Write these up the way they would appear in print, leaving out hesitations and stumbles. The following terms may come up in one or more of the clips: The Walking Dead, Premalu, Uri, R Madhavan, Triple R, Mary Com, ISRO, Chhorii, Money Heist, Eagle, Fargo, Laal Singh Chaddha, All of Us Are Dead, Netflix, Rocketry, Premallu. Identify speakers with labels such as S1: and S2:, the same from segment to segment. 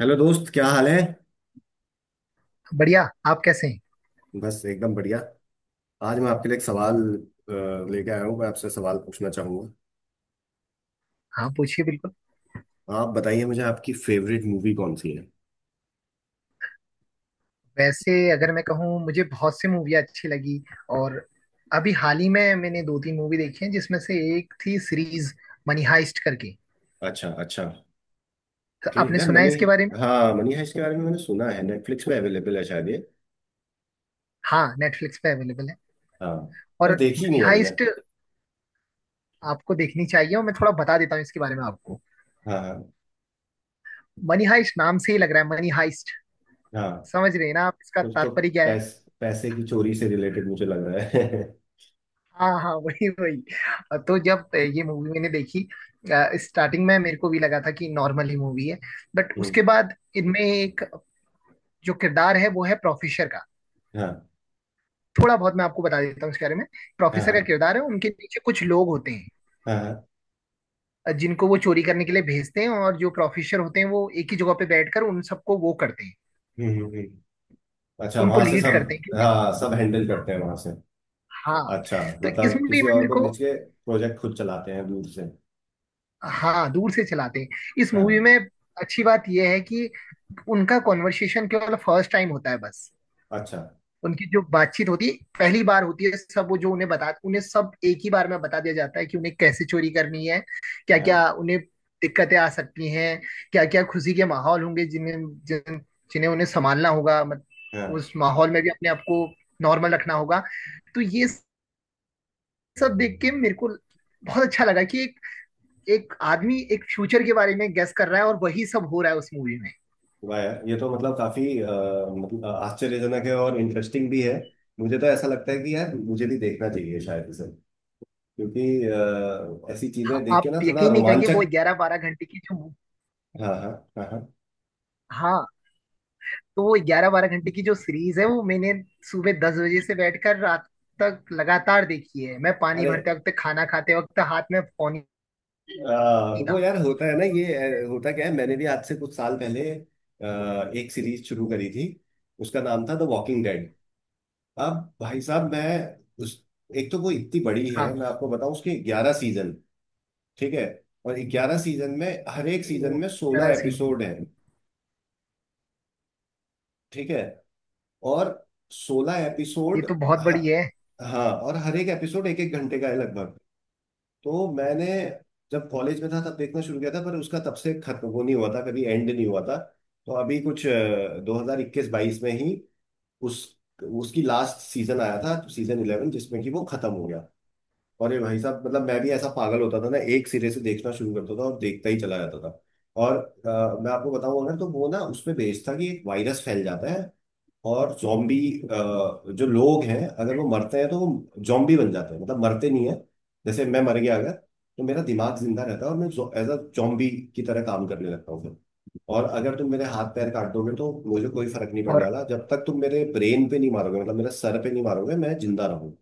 S1: Hello दोस्त, क्या हाल है?
S2: बढ़िया। आप कैसे हैं?
S1: बस एकदम बढ़िया। आज मैं आपके लिए एक सवाल अ, लेके आया हूँ। मैं आपसे सवाल पूछना चाहूंगा।
S2: हाँ, पूछिए बिल्कुल।
S1: आप बताइए मुझे आपकी फेवरेट मूवी कौन सी है?
S2: वैसे अगर मैं कहूँ मुझे बहुत सी मूवी अच्छी लगी और अभी हाल ही में मैंने दो तीन मूवी देखी हैं जिसमें से एक थी सीरीज मनी हाइस्ट करके।
S1: अच्छा, अच्छा।
S2: तो
S1: ठीक
S2: आपने
S1: यार,
S2: सुना है
S1: मनी।
S2: इसके बारे में?
S1: हाँ, मनी हाइस्ट के बारे में मैंने सुना है। नेटफ्लिक्स पे अवेलेबल है शायद ये।
S2: हाँ, नेटफ्लिक्स पे अवेलेबल है।
S1: हाँ। पर
S2: और
S1: देखी
S2: मनी
S1: नहीं है मैंने।
S2: हाइस्ट आपको देखनी चाहिए और मैं थोड़ा बता देता हूँ इसके बारे में आपको।
S1: हाँ, हाँ।
S2: मनी हाइस्ट नाम से ही लग रहा है, मनी हाइस्ट।
S1: हाँ,
S2: समझ रहे हैं ना आप इसका
S1: कुछ तो।
S2: तात्पर्य क्या है?
S1: पैसे की चोरी से रिलेटेड मुझे लग रहा है।
S2: हाँ हाँ वही वही। तो जब ये मूवी मैंने देखी, स्टार्टिंग में मेरे को भी लगा था कि नॉर्मल ही मूवी है, बट
S1: हम्म,
S2: उसके बाद इनमें एक जो किरदार है वो है प्रोफेसर का।
S1: हाँ,
S2: थोड़ा बहुत मैं आपको बता देता हूँ इसके बारे में।
S1: हाँ,
S2: प्रोफेसर का
S1: हाँ,
S2: किरदार है, उनके पीछे कुछ लोग होते हैं,
S1: हाँ, हाँ,
S2: जिनको वो चोरी करने के लिए भेजते हैं, और जो प्रोफेसर होते हैं वो एक ही जगह पे बैठकर उन सबको वो करते हैं,
S1: हम्म, हम्म, हम्म। अच्छा,
S2: उनको
S1: वहां से
S2: लीड
S1: सब।
S2: करते हैं क्योंकि
S1: हाँ, सब हैंडल करते हैं वहां से।
S2: हाँ।
S1: अच्छा,
S2: तो इस
S1: मतलब
S2: मूवी
S1: किसी
S2: में
S1: और
S2: मेरे
S1: को
S2: को,
S1: बेच के प्रोजेक्ट खुद चलाते हैं दूर से।
S2: हाँ दूर से चलाते हैं। इस मूवी
S1: हाँ।
S2: में अच्छी बात यह है कि उनका कॉन्वर्सेशन केवल फर्स्ट टाइम होता है बस।
S1: अच्छा।
S2: उनकी जो बातचीत होती है पहली बार होती है, सब वो जो उन्हें बता, उन्हें सब एक ही बार में बता दिया जाता है कि उन्हें कैसे चोरी करनी है, क्या क्या
S1: हाँ,
S2: उन्हें दिक्कतें आ सकती हैं, क्या क्या खुशी के माहौल होंगे जिन्हें, जिन, जिन्हें उन्हें संभालना होगा, मत,
S1: हाँ।
S2: उस माहौल में भी अपने आप को नॉर्मल रखना होगा। तो ये सब देख के मेरे को बहुत अच्छा लगा कि एक एक आदमी एक फ्यूचर के बारे में गेस कर रहा है और वही सब हो रहा है उस मूवी में।
S1: वाह यार, ये तो मतलब काफी मतलब आश्चर्यजनक है और इंटरेस्टिंग भी है। मुझे तो ऐसा लगता है कि यार मुझे भी देखना चाहिए शायद इसे। क्योंकि ऐसी चीजें
S2: हाँ,
S1: देख
S2: आप
S1: के ना थोड़ा
S2: यकीन नहीं करेंगे वो
S1: रोमांचक।
S2: 11 12 घंटे की जो
S1: हाँ, हाँ, हाँ, हाँ।
S2: हाँ। तो वो 11 12 घंटे की जो सीरीज है वो मैंने सुबह 10 बजे से बैठकर रात तक लगातार देखी है। मैं पानी
S1: अरे,
S2: भरते वक्त, खाना खाते वक्त हाथ में फोन ही नहीं था।
S1: वो यार होता है ना ये। होता क्या है, मैंने भी आज से कुछ साल पहले एक सीरीज शुरू करी थी। उसका नाम था द वॉकिंग डेड। अब भाई साहब, मैं। उस। एक तो वो इतनी बड़ी है, मैं
S2: हाँ,
S1: आपको बताऊं उसके 11 सीजन। ठीक है। और 11 सीजन में हर एक सीजन
S2: वो
S1: में 16
S2: तरह से
S1: एपिसोड है। ठीक है। और 16
S2: ये
S1: एपिसोड।
S2: तो बहुत बड़ी है।
S1: हाँ, और हर एक एपिसोड एक एक घंटे का है लगभग। तो मैंने। जब कॉलेज में था तब देखना शुरू किया था, पर उसका तब से खत्म वो नहीं हुआ था, कभी एंड नहीं हुआ था। तो अभी कुछ 2021-22 में ही। उस। उसकी लास्ट सीजन आया था, सीजन 11, जिसमें कि वो खत्म हो गया। अरे भाई साहब, मतलब मैं भी ऐसा पागल होता था ना, एक सिरे से देखना शुरू करता था और देखता ही चला जाता था। और मैं आपको बताऊं, अगर तो वो ना उसमें भेजता कि एक वायरस फैल जाता है। और जॉम्बी। जो लोग हैं अगर वो मरते हैं तो वो जॉम्बी बन जाते हैं, मतलब मरते नहीं है। जैसे मैं मर गया अगर तो मेरा दिमाग जिंदा रहता है और मैं एज अ जॉम्बी की तरह काम करने लगता हूँ फिर। और अगर तुम मेरे हाथ पैर काट दोगे तो मुझे कोई फर्क नहीं पड़ने
S2: और
S1: वाला, जब तक तुम मेरे ब्रेन पे नहीं मारोगे मतलब मेरे सर पे नहीं मारोगे, मैं जिंदा रहूँ।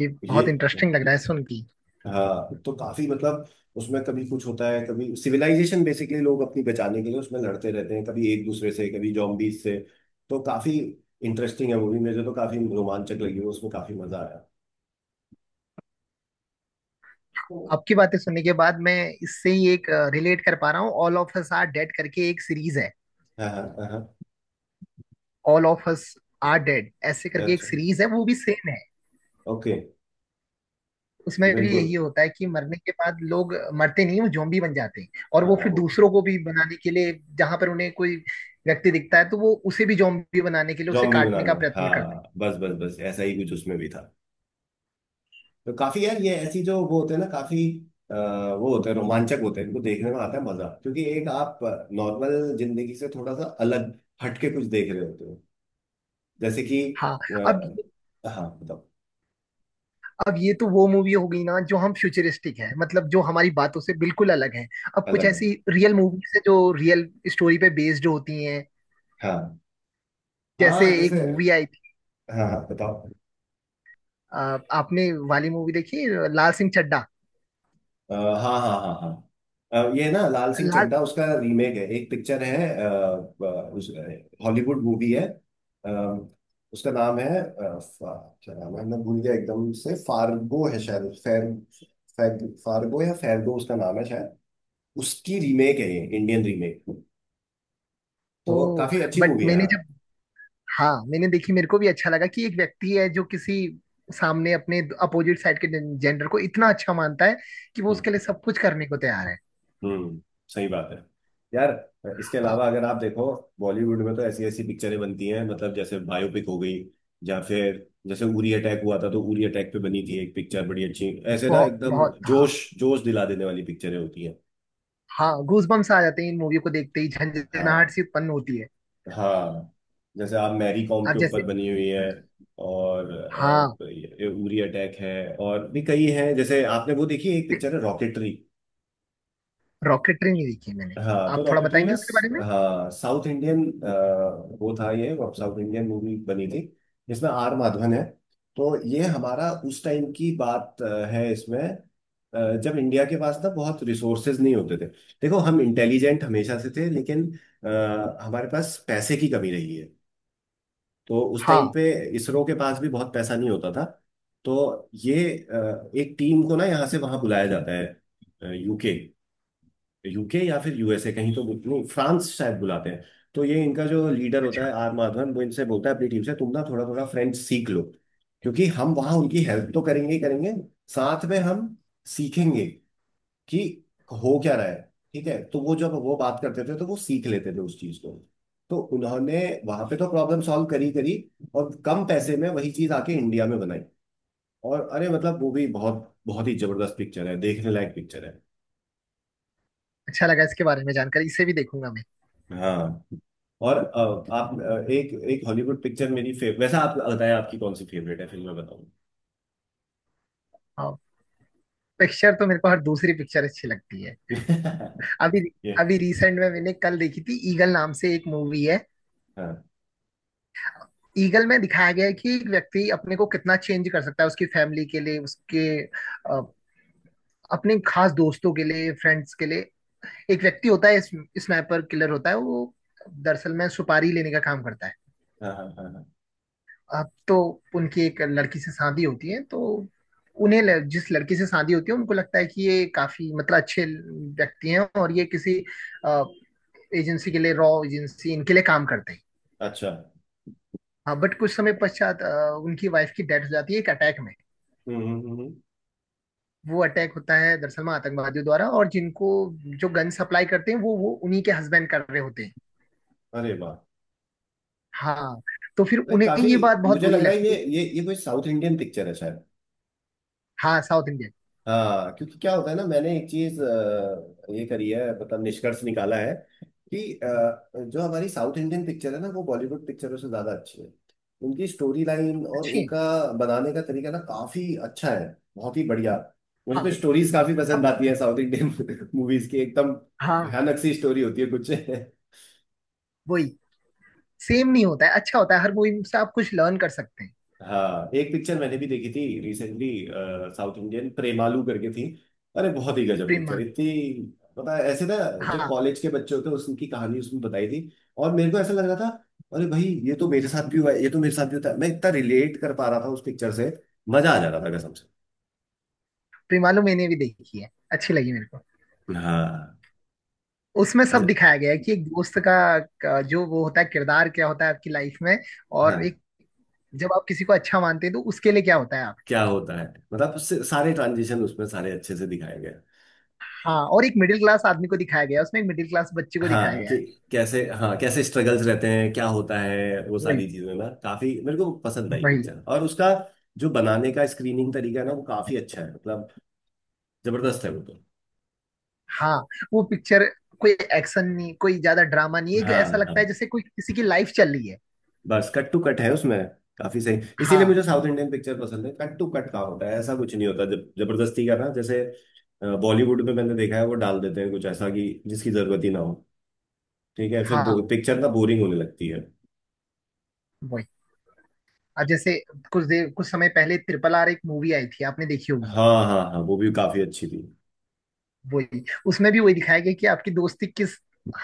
S2: ये
S1: ये।
S2: बहुत इंटरेस्टिंग लग रहा है सुन के।
S1: हाँ तो काफी मतलब। उसमें कभी कुछ होता है, कभी सिविलाइजेशन, बेसिकली लोग अपनी बचाने के लिए उसमें लड़ते रहते हैं, कभी एक दूसरे से कभी जॉम्बीज से। तो काफी इंटरेस्टिंग है मूवी, मुझे तो काफी रोमांचक लगी वो, उसमें काफी मजा आया। तो।
S2: आपकी बातें सुनने के बाद मैं इससे ही एक रिलेट कर पा रहा हूँ, all of us are dead करके एक सीरीज है।
S1: हाँ, हाँ, हाँ।
S2: All of us are dead ऐसे करके एक
S1: अच्छा।
S2: सीरीज है, वो भी सेम है।
S1: ओके।
S2: उसमें भी यही
S1: बिल्कुल।
S2: होता है कि मरने के बाद लोग मरते नहीं, वो जोम्बी बन जाते हैं, और वो
S1: हाँ,
S2: फिर
S1: वो
S2: दूसरों को भी बनाने के लिए जहां पर उन्हें कोई व्यक्ति दिखता है तो वो उसे भी जोम्बी बनाने के लिए उसे
S1: जॉम्बी
S2: काटने का
S1: बनाने,
S2: प्रयत्न करते हैं।
S1: हाँ, बस बस बस ऐसा ही कुछ उसमें भी था। तो काफी यार ये ऐसी जो वो होते हैं ना काफी। वो होते हैं, रोमांचक होते हैं, इनको देखने में आता है मजा, क्योंकि एक आप। नॉर्मल जिंदगी से थोड़ा सा अलग, हटके कुछ देख रहे होते हो। जैसे कि।
S2: हाँ। अब
S1: अ, हाँ, बताओ।
S2: अब ये तो वो मूवी हो गई ना जो हम फ्यूचरिस्टिक है, मतलब जो हमारी बातों से बिल्कुल अलग है। अब कुछ
S1: अलग है।
S2: ऐसी रियल मूवीज है जो रियल स्टोरी पे बेस्ड होती हैं,
S1: हाँ,
S2: जैसे
S1: हाँ,
S2: एक
S1: जैसे।
S2: मूवी आई थी,
S1: हाँ, हाँ, बताओ।
S2: आपने वाली मूवी देखी है, लाल सिंह चड्ढा।
S1: हाँ, हाँ, हाँ, हाँ, ये ना लाल सिंह
S2: लाल,
S1: चड्ढा उसका रीमेक है, एक पिक्चर है। हॉलीवुड मूवी है। अ, उसका नाम है क्या नाम है, मैं भूल गया एकदम से, फार्गो है शायद फैर, फार्गो या फैर्गो उसका नाम है शायद। उसकी रीमेक है ये इंडियन रीमेक। तो
S2: ओ
S1: काफी अच्छी
S2: बट
S1: मूवी है।
S2: मैंने जब, हाँ मैंने देखी, मेरे को भी अच्छा लगा कि एक व्यक्ति है जो किसी सामने अपने अपोजिट साइड के जेंडर को इतना अच्छा मानता है कि वो
S1: हाँ।
S2: उसके लिए सब कुछ करने को तैयार है।
S1: हम्म। सही बात है। यार इसके अलावा
S2: हाँ
S1: अगर आप देखो, बॉलीवुड में तो ऐसी ऐसी पिक्चरें बनती हैं, मतलब जैसे बायोपिक हो गई। या फिर जैसे उरी अटैक हुआ था, तो उरी अटैक पे बनी थी एक पिक्चर बड़ी अच्छी। ऐसे ना
S2: बहुत
S1: एकदम
S2: बहुत, हाँ।
S1: जोश जोश दिला देने वाली पिक्चरें होती हैं।
S2: हाँ, गूजबम्स आ जाते हैं इन मूवी को देखते ही, झंझनाहट
S1: हाँ।
S2: सी उत्पन्न होती है।
S1: हाँ, जैसे आप मैरी कॉम
S2: अब
S1: के ऊपर
S2: जैसे,
S1: बनी हुई है। और
S2: हाँ।
S1: ये उरी अटैक है। और भी कई हैं, जैसे आपने वो देखी है, एक पिक्चर है रॉकेटरी।
S2: रॉकेटरी नहीं देखी है मैंने,
S1: हाँ, तो
S2: आप थोड़ा
S1: डॉक्यूमेंट्री ना।
S2: बताएंगे उसके बारे में?
S1: हाँ, साउथ इंडियन। वो था, ये साउथ इंडियन मूवी बनी थी। जिसमें आर माधवन है। तो ये हमारा उस टाइम की बात है इसमें। जब इंडिया के पास ना बहुत रिसोर्सेज नहीं होते थे। देखो हम इंटेलिजेंट हमेशा से थे, लेकिन हमारे पास पैसे की कमी रही है। तो उस टाइम
S2: हाँ,
S1: पे इसरो के पास भी बहुत पैसा नहीं होता था। तो ये एक टीम को ना यहाँ से वहाँ बुलाया जाता है UK। UK या फिर USA, कहीं तो नहीं, फ्रांस शायद बुलाते हैं। तो ये इनका जो लीडर होता है आर माधवन, वो इनसे बोलता है अपनी टीम से, तुम ना थोड़ा थोड़ा फ्रेंच सीख लो, क्योंकि हम वहां उनकी हेल्प तो करेंगे ही करेंगे, साथ में हम सीखेंगे कि हो क्या रहा है। ठीक है, तो वो जब वो बात करते थे तो वो सीख लेते थे उस चीज को। तो उन्होंने वहां पे तो प्रॉब्लम सॉल्व करी करी, और कम पैसे में वही चीज आके इंडिया में बनाई। और अरे, मतलब वो भी बहुत बहुत ही जबरदस्त पिक्चर है, देखने लायक पिक्चर है।
S2: अच्छा लगा इसके बारे में जानकारी, इसे भी देखूंगा मैं।
S1: हाँ। और आप एक एक हॉलीवुड पिक्चर मेरी फेव वैसा आप बताएं, आपकी कौन सी फेवरेट है फिर मैं बताऊं।
S2: हाँ, पिक्चर तो मेरे को हर दूसरी पिक्चर अच्छी लगती है। अभी,
S1: ये।
S2: अभी रिसेंट में मैंने कल देखी थी, ईगल नाम से एक मूवी है।
S1: हाँ,
S2: ईगल में दिखाया गया है कि एक व्यक्ति अपने को कितना चेंज कर सकता है उसकी फैमिली के लिए, उसके अ, अपने खास दोस्तों के लिए, फ्रेंड्स के लिए। एक व्यक्ति होता है, स्नाइपर किलर होता है वो, दरअसल में सुपारी लेने का काम करता है।
S1: हाँ, हाँ, हाँ, हाँ।
S2: अब तो उनकी एक लड़की से शादी होती है, तो उन्हें जिस लड़की से शादी होती है उनको लगता है कि ये काफी मतलब अच्छे व्यक्ति हैं और ये किसी एजेंसी के लिए, रॉ एजेंसी इनके लिए काम करते हैं।
S1: अच्छा।
S2: हाँ बट कुछ समय पश्चात उनकी वाइफ की डेथ हो जाती है एक अटैक में।
S1: हम्म,
S2: वो अटैक होता है दरअसल में आतंकवादियों द्वारा, और जिनको जो गन सप्लाई करते हैं वो उन्हीं के हस्बैंड कर रहे होते हैं।
S1: अरे वाह।
S2: हाँ, तो फिर
S1: अरे
S2: उन्हें
S1: काफी।
S2: ये बात बहुत
S1: मुझे लग
S2: बुरी
S1: रहा है
S2: लगती
S1: ये
S2: है।
S1: ये ये कोई साउथ इंडियन पिक्चर है।
S2: हाँ साउथ इंडियन,
S1: हाँ, क्योंकि क्या होता है ना, मैंने एक चीज ये करी है, मतलब निष्कर्ष निकाला है कि जो हमारी साउथ इंडियन पिक्चर है ना, वो बॉलीवुड पिक्चरों से ज्यादा अच्छी है। उनकी स्टोरी लाइन और
S2: अच्छी है।
S1: उनका बनाने का तरीका ना काफी अच्छा है, बहुत ही बढ़िया। मुझे
S2: हाँ,
S1: तो स्टोरीज काफी पसंद
S2: अब
S1: आती है साउथ इंडियन मूवीज की, एकदम
S2: हाँ।
S1: भयानक सी स्टोरी होती है कुछ।
S2: वही, सेम नहीं होता है, अच्छा होता है, हर मूवी से आप कुछ लर्न कर सकते हैं।
S1: हाँ, एक पिक्चर मैंने भी देखी थी रिसेंटली, साउथ इंडियन प्रेमालू करके थी। अरे बहुत ही गजब पिक्चर,
S2: प्रेमालू,
S1: इतनी पता है ऐसे ना, जो
S2: हाँ
S1: कॉलेज के बच्चे होते हैं उनकी कहानी उसमें बताई थी। और मेरे को ऐसा लग रहा था अरे भाई, ये तो मेरे साथ भी हुआ है, ये तो मेरे साथ भी होता है, मैं इतना रिलेट कर पा रहा था उस पिक्चर से, मजा आ जा रहा था कसम से।
S2: प्रेमालू मैंने भी देखी है, अच्छी लगी मेरे को।
S1: हाँ।
S2: उसमें सब
S1: अच्छा।
S2: दिखाया गया है कि एक दोस्त का जो वो होता है, किरदार क्या होता है आपकी लाइफ में।
S1: हाँ,
S2: और एक, जब आप किसी को अच्छा मानते हैं तो उसके लिए क्या होता है आप?
S1: क्या होता है, मतलब उससे सारे ट्रांजिशन उसमें सारे अच्छे से दिखाए गए।
S2: हाँ, और एक मिडिल क्लास आदमी को दिखाया गया है उसमें, एक मिडिल क्लास बच्चे को दिखाया
S1: हाँ,
S2: गया
S1: कि
S2: है।
S1: कैसे, हाँ, कैसे स्ट्रगल्स रहते हैं क्या होता है, वो
S2: वही
S1: सारी चीजें ना काफी मेरे को पसंद आई
S2: वही।
S1: पिक्चर, और उसका जो बनाने का स्क्रीनिंग तरीका है ना वो काफी अच्छा है, मतलब जबरदस्त है वो तो।
S2: हाँ वो पिक्चर, कोई एक्शन नहीं, कोई ज्यादा ड्रामा नहीं, एक
S1: हाँ,
S2: ऐसा
S1: हाँ,
S2: लगता है जैसे कोई किसी की लाइफ चल रही है।
S1: बस कट टू कट है उसमें। काफी सही, इसीलिए
S2: हाँ
S1: मुझे साउथ इंडियन पिक्चर पसंद है, कट टू कट का होता है, ऐसा कुछ नहीं होता जब जबरदस्ती का ना, जैसे बॉलीवुड में मैंने देखा है वो डाल देते हैं कुछ ऐसा कि जिसकी जरूरत ही ना हो। ठीक है फिर
S2: हाँ।
S1: पिक्चर ना बोरिंग होने लगती है।
S2: वही, अब जैसे कुछ देर कुछ समय पहले ट्रिपल आर एक मूवी आई थी, आपने देखी होगी।
S1: हाँ, हाँ, हाँ, वो भी काफी अच्छी थी।
S2: वही, उसमें भी वही दिखाया गया कि आपकी दोस्ती किस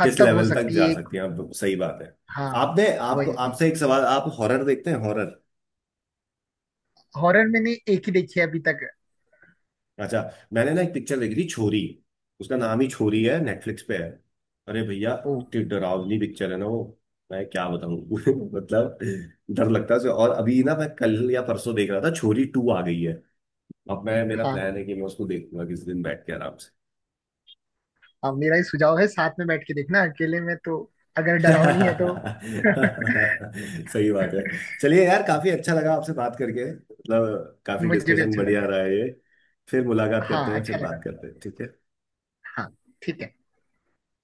S2: हद
S1: किस
S2: तक हो
S1: लेवल तक
S2: सकती
S1: जा
S2: है।
S1: सकती है आप, सही बात है।
S2: हाँ।
S1: आपने, आपको,
S2: वही,
S1: आपसे एक सवाल, आप हॉरर देखते हैं हॉरर?
S2: हॉरर मैंने एक ही देखी है अभी तक।
S1: अच्छा। मैंने ना एक पिक्चर देखी थी छोरी, उसका नाम ही छोरी है, नेटफ्लिक्स पे है। अरे भैया,
S2: ओ,
S1: इतनी डरावनी पिक्चर है ना वो, मैं क्या बताऊं मतलब डर लगता है उसे। और अभी ना मैं कल या परसों देख रहा था, छोरी 2 आ गई है, अब मैं, मेरा
S2: हाँ,
S1: प्लान है कि मैं उसको देखूंगा किस दिन बैठ के आराम से।
S2: अब मेरा ही सुझाव है साथ में बैठ के देखना, अकेले में तो, अगर डरावनी है तो।
S1: सही बात है। चलिए यार, काफी अच्छा लगा आपसे बात करके, मतलब काफी
S2: मुझे भी
S1: डिस्कशन
S2: अच्छा
S1: बढ़िया
S2: लगा।
S1: रहा है ये। फिर मुलाकात
S2: हाँ
S1: करते हैं, फिर
S2: अच्छा लगा।
S1: बात करते हैं, ठीक है।
S2: हाँ, ठीक है।